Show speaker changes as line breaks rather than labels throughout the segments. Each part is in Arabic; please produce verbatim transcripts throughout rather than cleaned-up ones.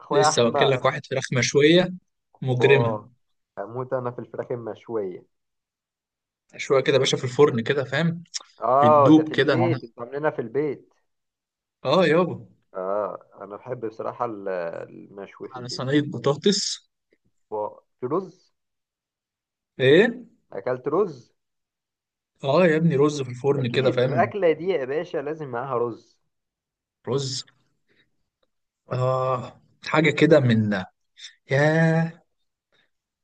اخويا
لسه
احمد.
واكل لك واحد فراخ مشويه مجرمه.
اه، هموت انا في الفراخ المشويه.
مشويه كده يا باشا، في الفرن كده، فاهم؟
اه، ده في
بتدوب كده آه. إن-
البيت، انتوا عاملينها في البيت.
اه يابا،
اه، انا بحب بصراحه ال- المشوي في
على
البيت.
صينيه بطاطس.
آه، في رز.
ايه،
اكلت رز.
اه يا ابني، رز في الفرن كده،
اكيد
فاهم؟
الاكله دي يا باشا لازم معاها رز.
رز. اه. حاجه كده من. ياه.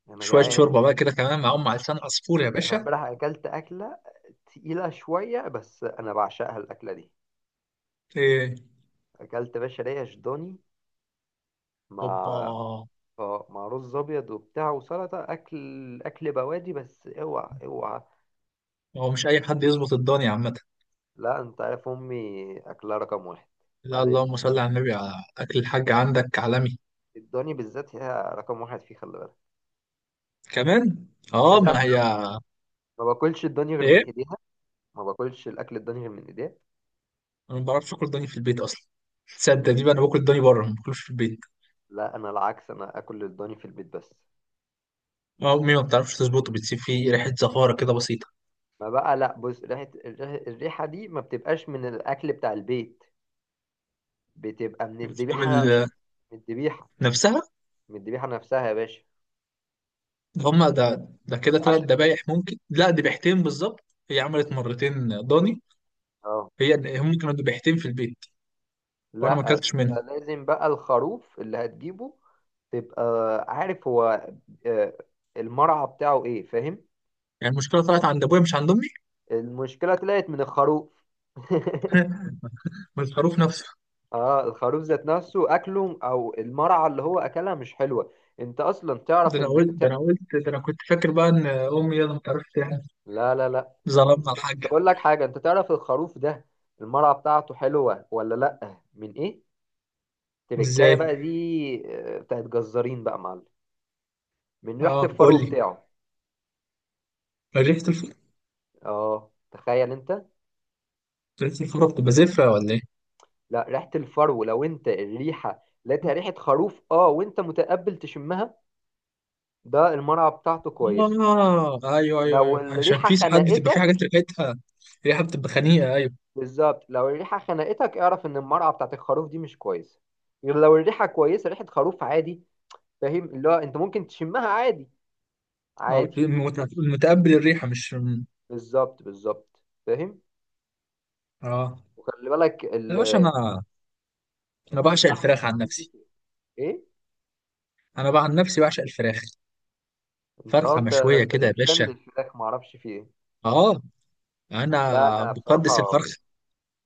انا
شويه
جعان.
شوربه بقى كده كمان معاهم، معلقتين عصفور يا
انا
باشا.
امبارح اكلت اكله تقيله شويه، بس انا بعشقها الاكله دي.
ايه.
اكلت يا باشا ريش ضاني مع
اوبا.
اه مع رز ابيض وبتاع وسلطه، اكل اكل بوادي، بس اوعى اوعى.
هو مش اي حد يظبط الدنيا عامه.
لا، انت عارف امي اكلها رقم واحد.
لا،
بعد
اللهم
اذنك.
صل على النبي، على اكل الحاج عندك عالمي.
الضاني بالذات هي رقم واحد فيه، خلي بالك.
كمان.
انت
اه،
تعرف.
ما هي.
ما باكلش الضاني غير من
ايه.
ايديها. ما باكلش الاكل الضاني غير من ايديها.
انا ما بعرفش اكل ضاني في البيت اصلا. تصدق
ليه؟
دي بقى، انا باكل الضاني بره، ما باكلوش في البيت.
لا، انا العكس، انا اكل الضاني في البيت بس.
امي ما بتعرفش تظبطه، بتسيب فيه ريحه زفاره كده بسيطه.
ما بقى. لا بص، ريحه الريحه الريحة دي ما بتبقاش من الاكل بتاع البيت، بتبقى من الذبيحه.
بال-
من الذبيحه.
نفسها.
من الذبيحه نفسها يا باشا.
هما ده ده كده ثلاث
عشان كده.
ذبايح ممكن، لا ذبيحتين بالظبط. هي عملت مرتين ضاني.
اه،
هي هم كانوا ذبيحتين في البيت، وانا ما
لا،
اكلتش
انت
منهم.
لازم بقى الخروف اللي هتجيبه تبقى عارف هو، آه، المرعى بتاعه ايه، فاهم.
يعني المشكله طلعت عند ابويا مش عند امي.
المشكلة طلعت من الخروف.
من الخروف نفسه.
اه، الخروف ذات نفسه اكله او المرعى اللي هو اكلها مش حلوة. انت اصلا
ده
تعرف
انا
ان
قلت ده
ت...
انا قلت، ده انا كنت فاكر بقى ان امي يلا ما تعرفش يعني.
لا لا لا. انت
ظلمنا
ت-
الحاج.
تقول لك حاجة، انت تعرف الخروف ده المرعى بتاعته حلوة ولا لا، من ايه؟ تركاية
ازاي؟
بقى دي. آه، بتاعت جزارين بقى يا معلم، من ريحة
اه قول
الفرو
لي.
بتاعه.
ريحه الفرن
اه، تخيل انت.
ريحه الفرن بتبقى زفره ولا ايه؟
لا، ريحة الفرو لو انت الريحة لقيتها ريحة خروف اه وانت متقبل تشمها، ده المرعى بتاعته كويسة.
اه، ايوه ايوه
لو
ايوه، عشان
الريحة
في ساعات بتبقى في حاجات
خنقتك.
ريحتها ريحة بتبقى خنيقة، ايوه.
بالظبط، لو الريحة خنقتك اعرف ان المرعى بتاعت الخروف دي مش كويسة. غير لو الريحة كويسة، ريحة خروف عادي، فاهم، اللي هو انت ممكن تشمها عادي.
اه،
عادي.
المت- المتقبل الريحة مش.
بالظبط بالظبط. فاهم.
اه.
وخلي بالك
يا
ال-
باشا انا انا بعشق
اللحمة
الفراخ عن
الضاني
نفسي.
بتفرق. ايه.
انا بقى عن نفسي بعشق الفراخ.
انت اه
فرخة
انت
مشوية
انت
كده يا
بيك فان
باشا.
للفراخ، معرفش في ايه.
اه. انا
لا، انا
بقدس
بصراحة
الفرخة.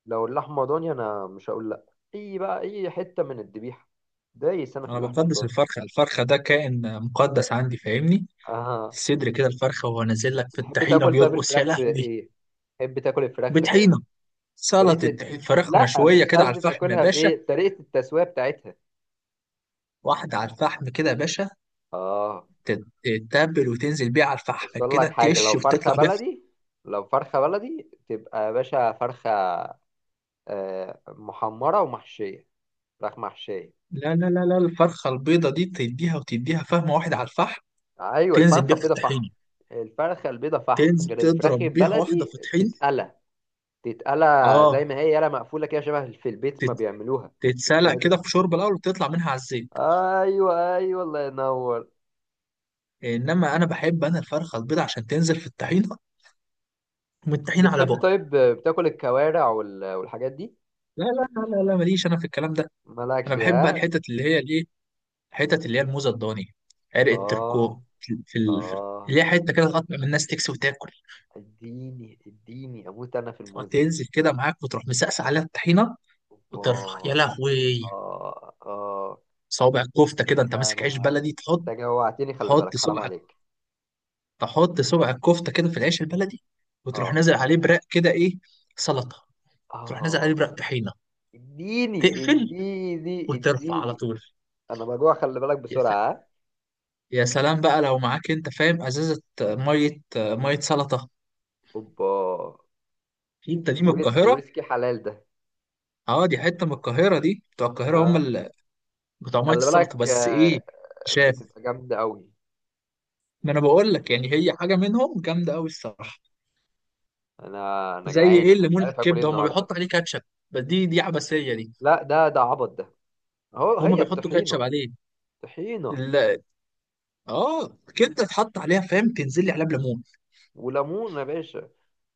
لو اللحمة ضاني أنا مش هقول لأ، أي بقى أي حتة من الذبيحة، دايس أنا في
انا
اللحمة
بقدس
الضاني.
الفرخة. الفرخة ده كائن مقدس عندي، فاهمني؟
آه.
الصدر كده الفرخة، وهو نازل لك في
بتحب
الطحينة
تاكل طيب
بيرقص، يا
الفراخ
لهوي.
بإيه؟ بتحب تاكل الفراخ آه،
بطحينة،
طريقة.
سلطة. فراخ
لأ،
مشوية
مش
كده على
قصدي
الفحم يا
تاكلها
باشا.
بإيه، طريقة التسوية بتاعتها.
واحدة على الفحم كده يا باشا.
آه.
تت- تتبل وتنزل بيها على
بس
الفحم
أقول لك
كده،
حاجة، لو
تقش
فرخة
وتطلع بيها في-
بلدي لو فرخة بلدي تبقى يا باشا فرخة آه، محمرة ومحشية. فراخ محشية.
لا لا لا لا، الفرخة البيضة دي تديها وتديها فهمة واحدة على الفحم.
أيوة،
تنزل
الفرخة
بيها في
البيضة فحم.
الطحينة.
الفرخة البيضة فحم،
تنزل
غير الفراخ
تضرب بيها واحدة
البلدي
في طحينة.
تتقلى. تتقلى زي
اه.
ما هي، يالا مقفولة كده، شبه في البيت ما
تت-
بيعملوها. مش
تتسلق
فرايد
كده في
تشيكن.
شوربة الأول، وتطلع منها على الزيت.
ايوه ايوه، الله ينور.
إنما أنا بحب، أنا الفرخة البيضة عشان تنزل في الطحينة، ومن الطحينة على
بتحب
بقى.
طيب بتاكل الكوارع وال- والحاجات دي؟
لا لا لا لا لا، ماليش أنا في الكلام ده. أنا
مالكش،
بحب بقى
ها.
الحتت اللي هي الإيه، الحتت اللي هي الموزة الضاني، عرق
اه
التركو في ال- في ال-
اه،
اللي هي حتة كده تقطع من الناس تكسي وتاكل.
اديني اديني اموت انا في الموزة.
تنزل كده معاك، وتروح مسقس عليها الطحينه،
اوبا.
وترفع، يا لهوي.
اه اه،
صوابع الكفته كده انت ماسك عيش
انا
بلدي تحط.
انت جوعتني، خلي
تحط
بالك حرام
صبع
عليك.
تحط صبع الكفته كده في العيش البلدي، وتروح
اه
نازل عليه برق كده ايه، سلطه، تروح نازل عليه
اه،
برق طحينه،
اديني
تقفل
اديني
وترفع على
اديني.
طول.
انا بجوع خلي بالك،
يا س-
بسرعة، ها.
يا سلام بقى لو معاك انت، فاهم، ازازه ميه ميه سلطه.
اوبا.
انت دي من
ويسكي
القاهره.
ويسكي حلال ده.
اه، دي حته من القاهره، دي بتوع القاهره هم
اه،
اللي بتوع ميه
خلي
السلطه،
بالك،
بس ايه،
آه،
شاف،
بتبقى جامدة قوي.
ما انا بقول لك يعني هي حاجه منهم جامده قوي الصراحه.
انا انا
زي
جعان،
ايه،
انا مش
الليمون،
عارف اكل ايه
الكبده هم
النهارده.
بيحطوا عليه كاتشب، بس دي دي عبثيه دي،
لا، ده ده عبط ده. اهو
هم
هي
بيحطوا كاتشب
الطحينة.
عليه.
طحينة
لا. اه. كبده اتحط عليها، فاهم، تنزل لي عليها بليمون.
وليمون يا باشا،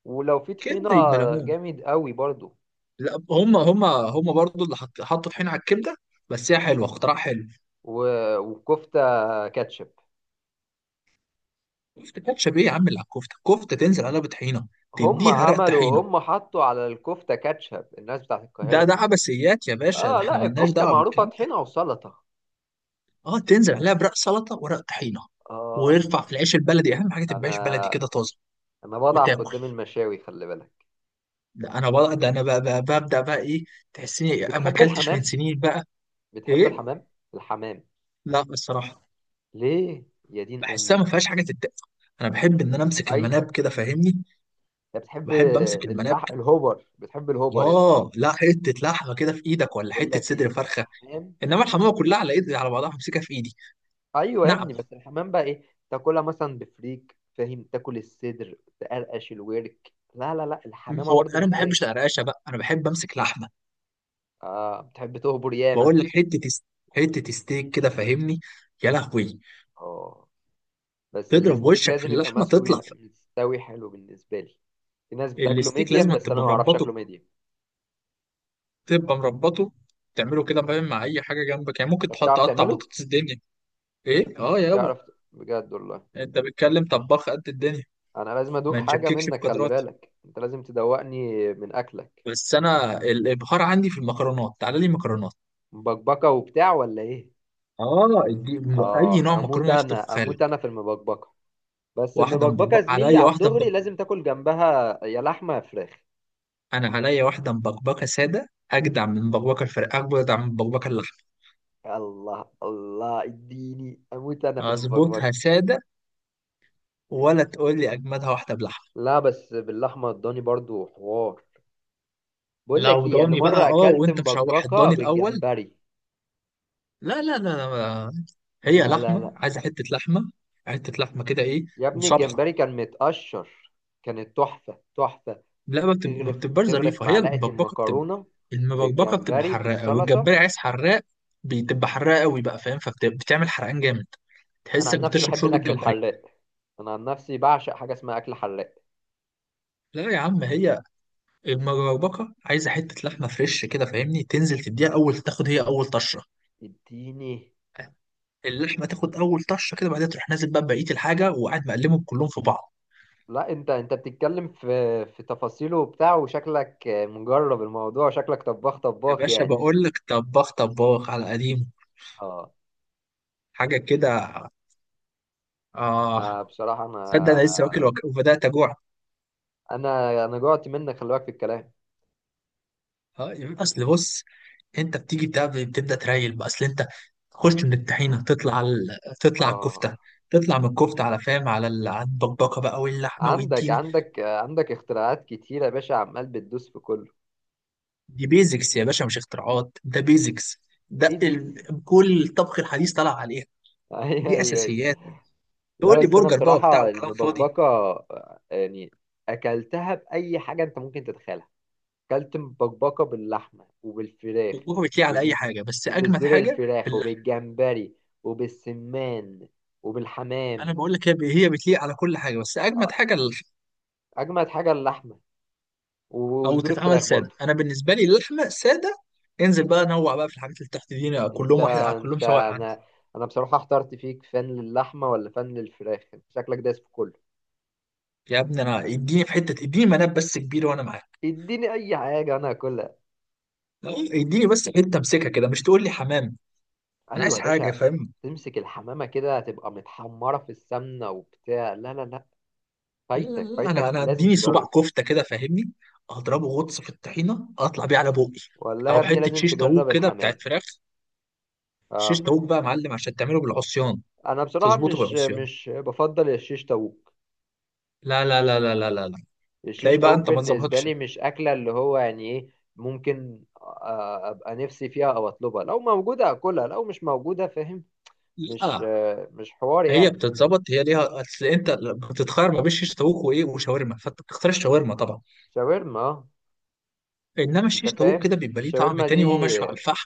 ولو في طحينة
كبده يبقى ليمون.
جامد قوي برضو.
لا، هم هم هم برضو اللي حط حطوا طحينه على الكبده، بس هي حلوه، اختراع حلو.
و- وكفتة كاتشب.
كفته كاتشب ايه يا عم، اللي على الكفته كفته تنزل عليها بطحينه،
هم
تديها رق طحينه.
عملوا هم حطوا على الكفتة كاتشب، الناس بتاعت
ده
القاهرة.
ده عبثيات يا باشا، ده
اه،
احنا
لا،
ملناش
الكفتة
دعوه
معروفة
بالكلام.
طحينة وسلطة.
اه، تنزل عليها برق سلطه ورق طحينه،
اه،
وارفع في العيش البلدي. اهم حاجه تبقى
انا
عيش بلدي كده طازه،
انا بضعف
وتاكل.
قدام المشاوي، خلي بالك.
ده انا بقى ده انا بقى بقى ببدا بقى ايه، تحسني ما
بتحب
اكلتش من
الحمام؟
سنين بقى.
بتحب
ايه؟
الحمام؟ الحمام؟
لا الصراحه،
ليه يا دين
بحسها ما
امي؟
فيهاش حاجه تتاكل. انا بحب ان انا امسك المناب
فايتك.
كده، فاهمني؟
انت بتحب
بحب امسك المناب
اللح...
كده.
الهوبر؟ بتحب الهوبر انت؟
اه، لا، حته لحمه كده في ايدك ولا
بقول
حته
لك
صدر
ايه،
فرخه.
الحمام.
انما الحمامه كلها على ايدي على بعضها همسكها في ايدي.
ايوه يا
نعم؟
ابني، بس الحمام بقى ايه، تاكلها مثلا بفريك، فاهم، تاكل الصدر تقرقش الورك، لا لا لا، الحمامه
هو
برضو
انا ما بحبش
مزاج.
القرقشه بقى، انا بحب امسك لحمه.
اه، بتحب تهبر ياما
بقول
انت.
لك حته س- حته ستيك كده، فاهمني؟ يا لهوي.
اه، بس
تضرب
الستيك
وشك في
لازم يبقى
اللحمه
مسوي
تطلع ف-
مستوي حلو بالنسبه لي. في ناس بتاكله
الستيك
ميديم،
لازم
بس انا
تبقى
ما اعرفش
مربطه.
اكله ميديم.
تبقى مربطه. تعمله كده فاهم، مع اي حاجه جنبك، يعني ممكن
طب
تحط
بتعرف
قطع
تعمله؟
بطاطس الدنيا. ايه، اه يابا.
تعرف؟ بجد والله.
انت بتتكلم طباخ قد الدنيا.
انا لازم ادوق
ما
حاجه
تشككش في
منك، خلي
قدراتي،
بالك، انت لازم تدوقني من اكلك.
بس انا الابهار عندي في المكرونات، تعالى لي مكرونات.
مبكبكه وبتاع، ولا ايه؟
اه. دي م- اي
اه،
نوع
اموت
مكرونه يخطر في
انا اموت
خيالك.
انا في المبكبكه. بس
واحده
المبكبكه يا
مبكبكه
زميلي
عليا،
على
واحده
الدغري
مبكبكه.
لازم تاكل جنبها يا لحمه يا فراخ.
انا عليا واحده مبكبكه ساده، اجدع من بكبكه الفراخ، اجدع من بكبكه اللحمه.
الله الله، اديني اموت انا في
اظبطها
المبكبكه.
ساده، ولا تقول لي اجمدها واحده بلحمه.
لا، بس باللحمه الضاني برضو حوار. بقول لك
لو
ايه، انا
ضاني بقى،
مره
اه،
اكلت
وانت مشوح
مبكبكه
الضاني الاول.
بالجمبري.
لا لا لا لا، هي
لا لا
لحمه
لا.
عايزه حته لحمه، حته لحمه كده ايه،
يا ابني
وصبحه.
الجمبري كان متقشر، كانت تحفه تحفه.
لا، ما بتب- ما
تغرف
بتبقاش
تغرف
ظريفه هي
معلقة
المبكبكه، بتبقى.
المكرونة
المبكبكه بتبقى
بالجمبري
حراقه،
بالسلطة.
والجمبري عايز حراق، بتبقى حراقه قوي بقى، فاهم؟ فبتعمل حرقان جامد،
أنا عن
تحسك
نفسي
بتشرب
بحب
شوربه
الأكل
جمبري.
الحراق. أنا عن نفسي بعشق حاجة اسمها أكل حراق.
لا يا عم، هي المبكبكه عايزه حته لحمه فريش كده، فاهمني؟ تنزل تديها اول، تاخد هي اول طشه،
اديني.
اللحمه تاخد اول طشه كده، بعدين تروح نازل بقى بقيه الحاجه، وقاعد مقلبهم كلهم في بعض.
لا، أنت أنت بتتكلم في في تفاصيله وبتاع، وشكلك مجرب الموضوع، وشكلك طباخ
يا
طباخ
باشا
يعني.
بقول لك، طباخ طباخ على قديم،
اه،
حاجه كده. اه.
أنا بصراحة أنا
تصدق انا لسه واكل وك- وبدات اجوع.
أنا أنا جوعت منك خلي بالك في الكلام.
اه يبقى اصل بص، انت بتيجي بتعمل- بتبدا تريل بقى، اصل انت تخش من الطحينه تطلع على ال... تطلع على
اه،
الكفته، تطلع من الكفته على، فاهم، على ال... على البقبقه بقى واللحمه
عندك
والديني.
عندك عندك اختراعات كتيرة يا باشا، عمال بتدوس في كله.
دي بيزكس يا باشا، مش اختراعات، ده بيزكس، ده
بيزكس.
ال... كل الطبخ الحديث طلع عليها.
ايوه
دي
ايوه، أيوة.
اساسيات.
لا
تقول لي
بس انا
برجر بقى وبتاع
بصراحه
وكلام فاضي.
المبكبكه آه، يعني اكلتها باي حاجه انت ممكن تتخيلها. اكلت مبكبكه باللحمه وبالفراخ
طبخه بتليق على اي
وبال...
حاجه، بس اجمد
وبصدور
حاجه في
الفراخ
اللحمه.
وبالجمبري وبالسمان
انا
وبالحمام.
بقول لك، هي هي بتليق على كل حاجه، بس اجمد
آه،
حاجه اللحمه،
اجمد حاجه اللحمه
او
وصدور
تتعمل
الفراخ
ساده.
برضه.
انا بالنسبه لي اللحمه ساده، انزل بقى نوع بقى في الحاجات اللي تحت دي،
انت
كلهم واحد، على كلهم
انت
سواء عندي.
انا انا بصراحه احترت فيك، فن للحمه ولا فن للفراخ، انت شكلك دايس في كله.
يا ابني انا اديني في حته، اديني مناب بس كبير وانا معاك.
اديني اي حاجه انا هاكلها.
لا، اديني بس حته امسكها كده، مش تقول لي حمام. انا
ايوه
عايز
يا
حاجه،
باشا،
فاهم؟
تمسك الحمامه كده تبقى متحمره في السمنه وبتاع، لا لا لا.
لا
فايتك
لا لا، انا
فايتك
انا
لازم
اديني صباع
تجرب.
كفته كده، فاهمني؟ اضربه غطس في الطحينه، اطلع بيه على بوقي.
والله يا
او
ابني
حته
لازم
شيش طاووق
تجرب
كده
الحمام.
بتاعت فراخ. شيش
اه،
طاووق بقى يا معلم، عشان تعمله بالعصيان،
انا بصراحه
تظبطه
مش
بالعصيان.
مش بفضل الشيش طاووق.
لا لا لا لا لا لا لا. تلاقي
الشيش
بقى
طاووق
انت ما
بالنسبه
تظبطش.
لي مش اكله، اللي هو يعني ايه، ممكن آه، ابقى نفسي فيها او اطلبها لو موجوده اكلها لو مش موجوده، فاهم. مش
لا،
آه، مش حوار
هي
يعني.
بتتظبط، هي ليها اصل، انت بتتخير ما بين شيش طاووق وايه وشاورما، فانت بتختار الشاورما طبعا.
شاورما اه.
انما
انت
الشيش طاووق
فاهم
كده بيبقى ليه طعم
الشاورما دي.
تاني، وهو مشوي على الفحم.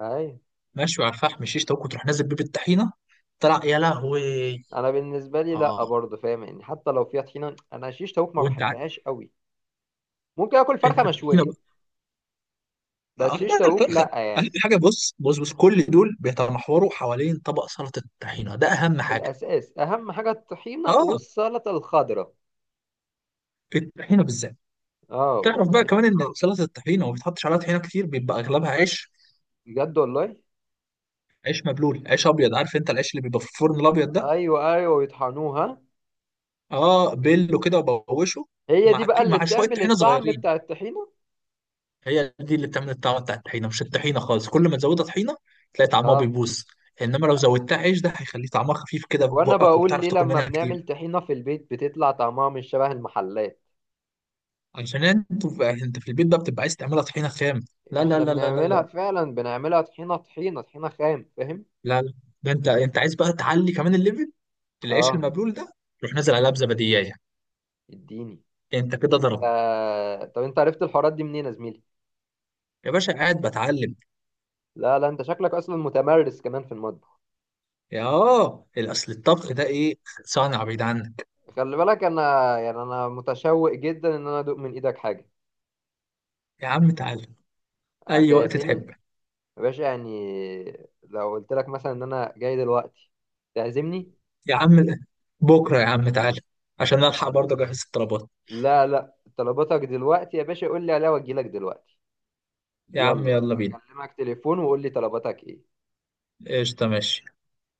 اي.
مشوي على الفحم الشيش طاووق، وتروح نازل بيه بالطحينه، طلع يا لهوي.
انا بالنسبه لي لا
اه،
برضه، فاهم يعني، حتى لو فيها طحينه انا شيش تاوك ما
وانت عارف،
بحبهاش قوي. ممكن اكل فرخه
انت الطحينه
مشويه،
بقى.
بس
آه
شيش
لا،
تاوك
الفرخه
لا
اهم
يعني.
حاجه، بص بص بص، كل دول بيتمحوروا حوالين طبق سلطه الطحينه، ده اهم حاجه.
الاساس اهم حاجه الطحينه
اه،
والسلطه الخضراء.
الطحينه بالذات.
اه،
تعرف بقى
بتاعت-
كمان ان سلطه الطحينه وما بتحطش عليها طحينه كتير، بيبقى اغلبها عيش.
بجد والله.
عيش مبلول، عيش ابيض، عارف انت العيش اللي بيبقى في الفرن الابيض ده.
ايوه ايوه، يطحنوها.
اه، بله كده وبوشه،
هي دي
مع
بقى
كي-
اللي
مع شويه
بتعمل
طحينه
الطعم
صغيرين.
بتاع الطحينه.
هي دي اللي بتعمل الطعم بتاع الطحينه، مش الطحينه خالص. كل ما تزودها طحينه، تلاقي طعمها
اه،
بيبوظ. انما لو زودتها عيش، ده هيخليه طعمها خفيف كده في
وانا
بقك،
بقول
وبتعرف
ليه
تاكل
لما
منها كتير.
بنعمل طحينه في البيت بتطلع طعمها مش شبه المحلات.
عشان انت انت في البيت بقى بتبقى عايز تعملها طحينه خام. لا لا
احنا
لا لا لا
بنعملها
لا
فعلا بنعملها طحينه طحينه طحينه خام، فاهم.
لا لا. ده انت انت عايز بقى تعلي كمان الليفل. العيش
اه،
المبلول ده، روح نازل عليها بزبدية،
اديني.
انت كده
انت،
ضرب.
طب انت عرفت الحوارات دي منين يا زميلي؟
يا باشا قاعد بتعلم.
لا لا، انت شكلك اصلا متمرس كمان في المطبخ،
يا اه اصل الطبخ ده ايه، صنعة بعيد عنك.
خلي بالك. انا يعني، انا متشوق جدا ان انا ادوق من ايدك حاجه.
يا عم تعالى اي وقت
هتعزمني
تحب.
يا باشا يعني، لو قلت لك مثلا ان انا جاي دلوقتي تعزمني؟
يا عم بكره يا عم تعالى، عشان الحق برضه اجهز الطلبات.
لا لا، طلباتك دلوقتي يا باشا قول لي عليها واجي لك دلوقتي.
يا عم
يلا
يلا بينا.
هكلمك تليفون وقول لي طلباتك ايه.
قشطه ماشي.